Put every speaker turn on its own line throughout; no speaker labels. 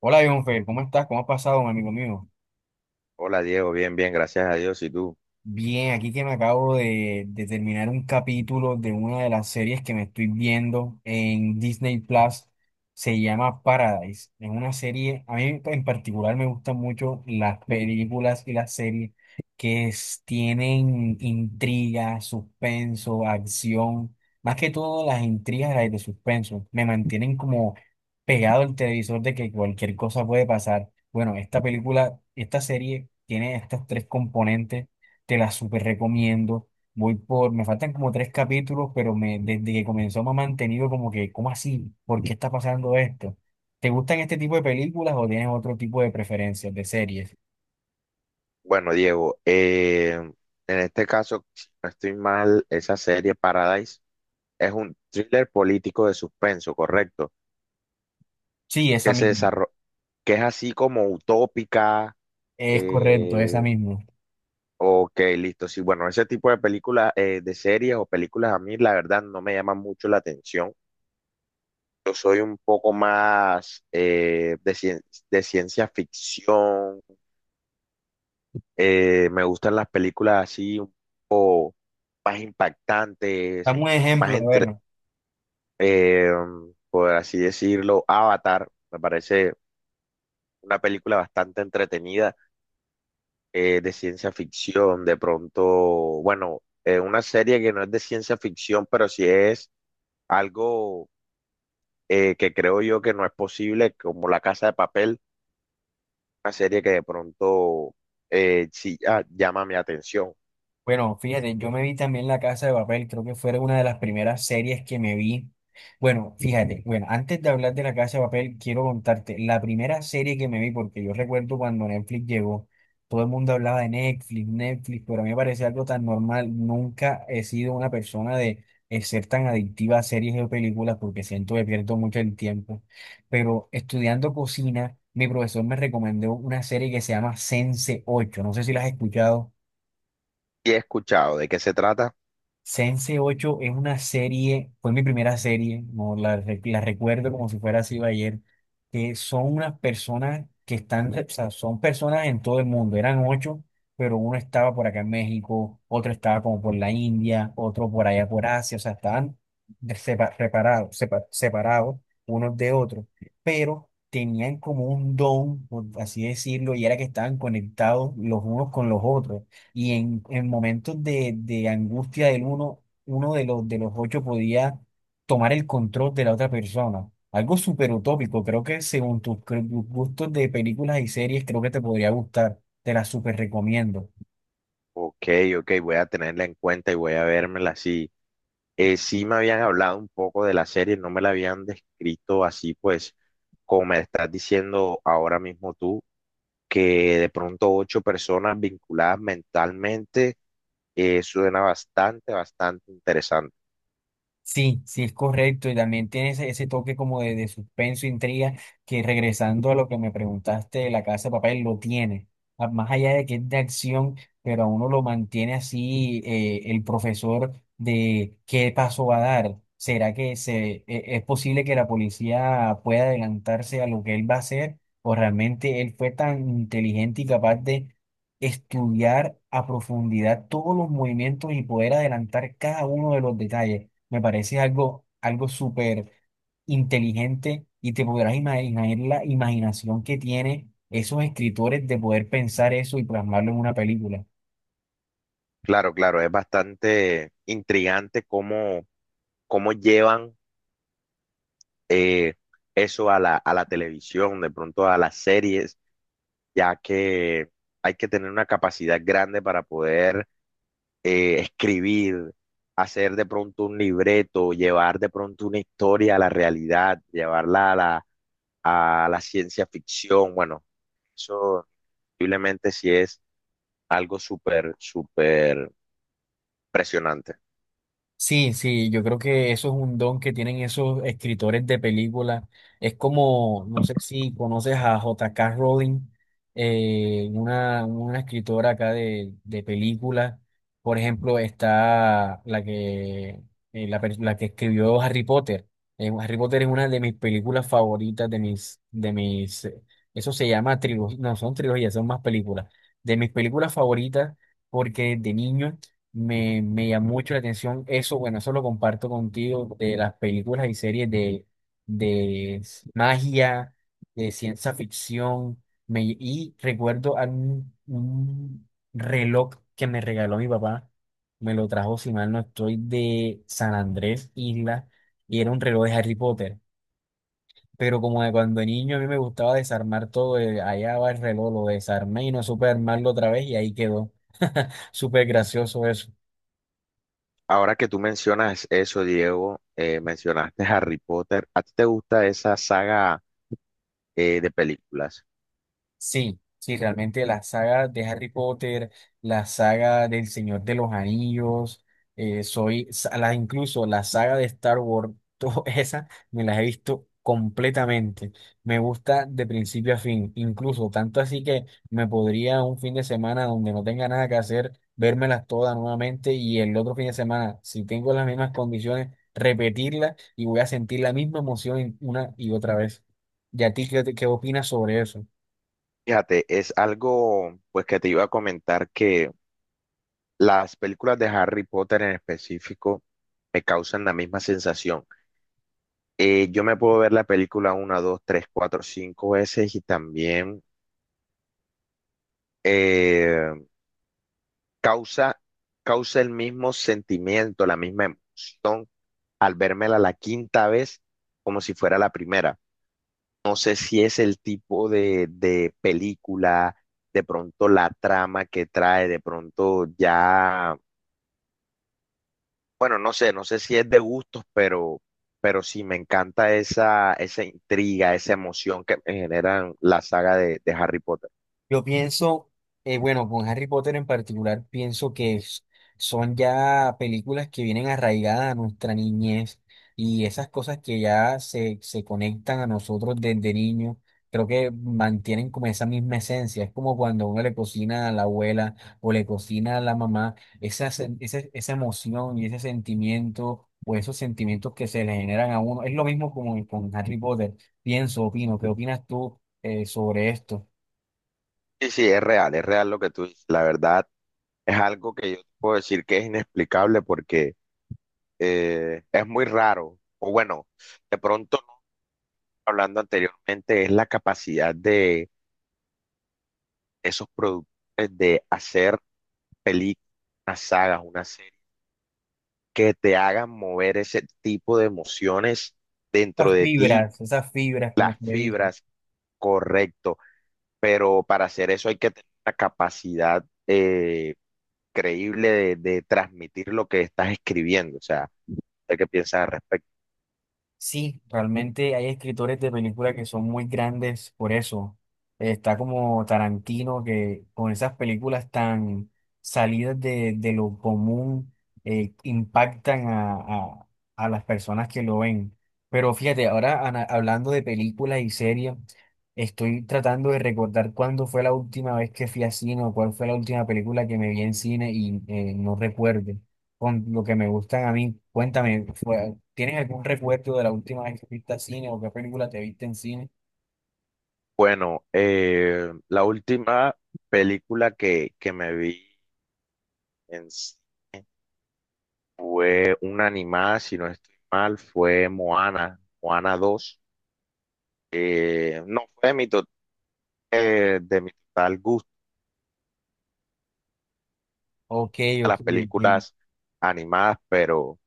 Hola, Jonfer, ¿cómo estás? ¿Cómo has pasado, mi amigo mío?
Hola Diego, bien, bien, gracias a Dios. ¿Y tú?
Bien, aquí que me acabo de terminar un capítulo de una de las series que me estoy viendo en Disney Plus, se llama Paradise. Es una serie, a mí en particular me gustan mucho las películas y las series que tienen intriga, suspenso, acción, más que todo las intrigas las de suspenso, me mantienen como pegado al televisor de que cualquier cosa puede pasar. Bueno, esta película, esta serie tiene estos tres componentes, te la súper recomiendo. Voy por, me faltan como tres capítulos, pero me, desde que comenzó me ha mantenido como que, ¿cómo así? ¿Por qué está pasando esto? ¿Te gustan este tipo de películas o tienes otro tipo de preferencias de series?
Bueno, Diego, en este caso, si no estoy mal, esa serie Paradise es un thriller político de suspenso, ¿correcto?
Sí, esa
Que se
misma.
desarro- que es así como utópica.
Es correcto, esa
eh,
misma.
ok, listo. Sí, bueno, ese tipo de películas, de series o películas a mí, la verdad, no me llaman mucho la atención. Yo soy un poco más de ciencia ficción. Me gustan las películas así más impactantes,
Dame un
más
ejemplo, a
entre,
ver.
eh, por así decirlo, Avatar, me parece una película bastante entretenida de ciencia ficción, de pronto, bueno, una serie que no es de ciencia ficción, pero sí es algo que creo yo que no es posible, como La Casa de Papel, una serie que de pronto sí, ah, llama mi atención.
Bueno, fíjate, yo me vi también La Casa de Papel, creo que fue una de las primeras series que me vi. Bueno, fíjate, bueno, antes de hablar de La Casa de Papel, quiero contarte la primera serie que me vi, porque yo recuerdo cuando Netflix llegó, todo el mundo hablaba de Netflix, Netflix, pero a mí me parecía algo tan normal. Nunca he sido una persona de ser tan adictiva a series o películas, porque siento que pierdo mucho el tiempo. Pero estudiando cocina, mi profesor me recomendó una serie que se llama Sense ocho, no sé si la has escuchado.
Y he escuchado de qué se trata.
Sense 8 es una serie, fue mi primera serie, no la recuerdo como si fuera así ayer, que son unas personas que están, o sea, son personas en todo el mundo, eran ocho, pero uno estaba por acá en México, otro estaba como por la India, otro por allá por Asia, o sea, estaban separados unos de otros, pero tenían como un don, por así decirlo, y era que estaban conectados los unos con los otros y en momentos de angustia del uno, uno de los ocho podía tomar el control de la otra persona. Algo súper utópico, creo que según tus gustos de películas y series, creo que te podría gustar, te las súper recomiendo.
Ok, ok, voy a tenerla en cuenta y voy a vérmela así. Sí me habían hablado un poco de la serie, no me la habían descrito así, pues, como me estás diciendo ahora mismo tú, que de pronto ocho personas vinculadas mentalmente, suena bastante, bastante interesante.
Sí, sí es correcto y también tiene ese, ese toque como de suspenso, intriga, que regresando a lo que me preguntaste de La Casa de Papel, lo tiene. Más allá de que es de acción, pero a uno lo mantiene así el profesor de qué paso va a dar. ¿Será es posible que la policía pueda adelantarse a lo que él va a hacer? ¿O realmente él fue tan inteligente y capaz estudiar a profundidad todos los movimientos y poder adelantar cada uno de los detalles? Me parece algo, algo súper inteligente y te podrás imaginar la imaginación que tienen esos escritores de poder pensar eso y plasmarlo en una película.
Claro, claro, es bastante intrigante cómo, cómo llevan eh, eso a la televisión, de pronto a las series, ya que hay que tener una capacidad grande para poder escribir, hacer de pronto un libreto, llevar de pronto una historia a la realidad, llevarla a la ciencia ficción. Bueno, eso posiblemente sí es algo súper, súper impresionante.
Sí, sí, yo creo que eso es un don que tienen esos escritores de películas. Es como, no sé si conoces a J.K. Rowling, una escritora acá de películas. Por ejemplo, está la que escribió Harry Potter. Harry Potter es una de mis películas favoritas, de mis, eso se llama trilogía, no son trilogías, son más películas. De mis películas favoritas, porque de niño. Me llamó mucho la atención eso. Bueno, eso lo comparto contigo, de las películas y series de, magia, de ciencia ficción, me, y recuerdo a un reloj que me regaló mi papá, me lo trajo, si mal no estoy, de San Andrés, Isla, y era un reloj de Harry Potter, pero como de cuando niño a mí me gustaba desarmar todo, allá va el reloj, lo desarmé y no supe armarlo otra vez y ahí quedó, súper gracioso eso.
Ahora que tú mencionas eso, Diego, mencionaste Harry Potter, ¿a ti te gusta esa saga de películas?
Sí, sí, realmente la saga de Harry Potter, la saga del Señor de los Anillos, incluso la saga de Star Wars, todas esas me las he visto completamente. Me gusta de principio a fin, incluso tanto así que me podría un fin de semana donde no tenga nada que hacer, vérmelas todas nuevamente y el otro fin de semana, si tengo las mismas condiciones, repetirlas y voy a sentir la misma emoción una y otra vez. ¿Y a ti qué opinas sobre eso?
Fíjate, es algo pues que te iba a comentar que las películas de Harry Potter en específico me causan la misma sensación. Yo me puedo ver la película una, dos, tres, cuatro, cinco veces y también eh, causa, causa el mismo sentimiento, la misma emoción al vérmela la quinta vez como si fuera la primera. No sé si es el tipo de película, de pronto la trama que trae, de pronto ya. Bueno, no sé, no sé si es de gustos, pero sí me encanta esa, esa intriga, esa emoción que me generan la saga de Harry Potter.
Yo pienso, bueno, con Harry Potter en particular, pienso que son ya películas que vienen arraigadas a nuestra niñez y esas cosas que ya se conectan a nosotros desde niños, creo que mantienen como esa misma esencia. Es como cuando uno le cocina a la abuela o le cocina a la mamá, esa emoción y ese sentimiento o esos sentimientos que se le generan a uno. Es lo mismo como con Harry Potter. Pienso, opino, ¿qué opinas tú, sobre esto?
Sí, sí, es real lo que tú dices. La verdad es algo que yo te puedo decir que es inexplicable porque es muy raro. O bueno, de pronto, no, hablando anteriormente, es la capacidad de esos productores de hacer películas, unas sagas, una serie, que te hagan mover ese tipo de emociones dentro de ti.
Esas fibras, como
Las
me dicen.
fibras, correcto, pero para hacer eso hay que tener una capacidad creíble de transmitir lo que estás escribiendo, o sea, hay que piensar al respecto.
Sí, realmente hay escritores de películas que son muy grandes por eso. Está como Tarantino, que con esas películas tan salidas de lo común, impactan a las personas que lo ven. Pero fíjate, ahora hablando de películas y series, estoy tratando de recordar cuándo fue la última vez que fui a cine o cuál fue la última película que me vi en cine y no recuerdo, con lo que me gustan a mí. Cuéntame, ¿tienes algún recuerdo de la última vez que viste a cine o qué película te viste en cine?
Bueno, la última película que me vi en cine fue una animada, si no estoy mal, fue Moana, Moana 2. No fue de mi, to- De mi total gusto
Ok,
a
ok,
las
ok.
películas animadas, pero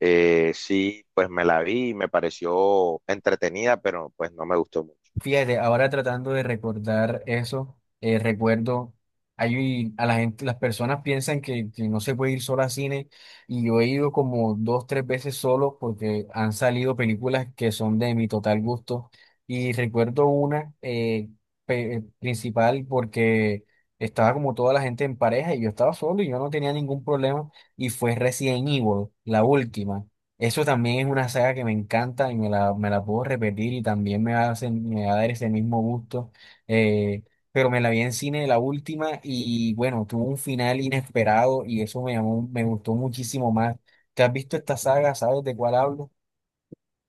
eh, sí, pues me la vi y me pareció entretenida, pero pues no me gustó mucho.
Fíjate, ahora tratando de recordar eso, recuerdo, hay, a la gente, las personas piensan que no se puede ir solo al cine y yo he ido como dos, tres veces solo porque han salido películas que son de mi total gusto y recuerdo una principal porque estaba como toda la gente en pareja y yo estaba solo y yo no tenía ningún problema y fue Resident Evil, la última. Eso también es una saga que me encanta y me me la puedo repetir y también me va me va a dar ese mismo gusto. Eh, pero me la vi en cine la última y bueno, tuvo un final inesperado y eso me llamó, me gustó muchísimo más. ¿Te has visto esta saga? ¿Sabes de cuál hablo?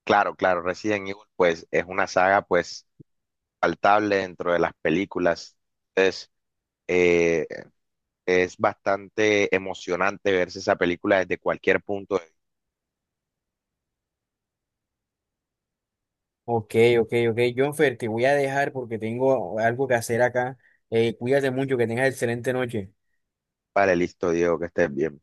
Claro, claro, Resident Evil pues es una saga pues palpable dentro de las películas. Entonces, eh, es bastante emocionante verse esa película desde cualquier punto de vista.
Ok, ok, ok. Jonfer, te voy a dejar porque tengo algo que hacer acá. Cuídate mucho, que tengas excelente noche.
Vale, listo, Diego, que estés bien.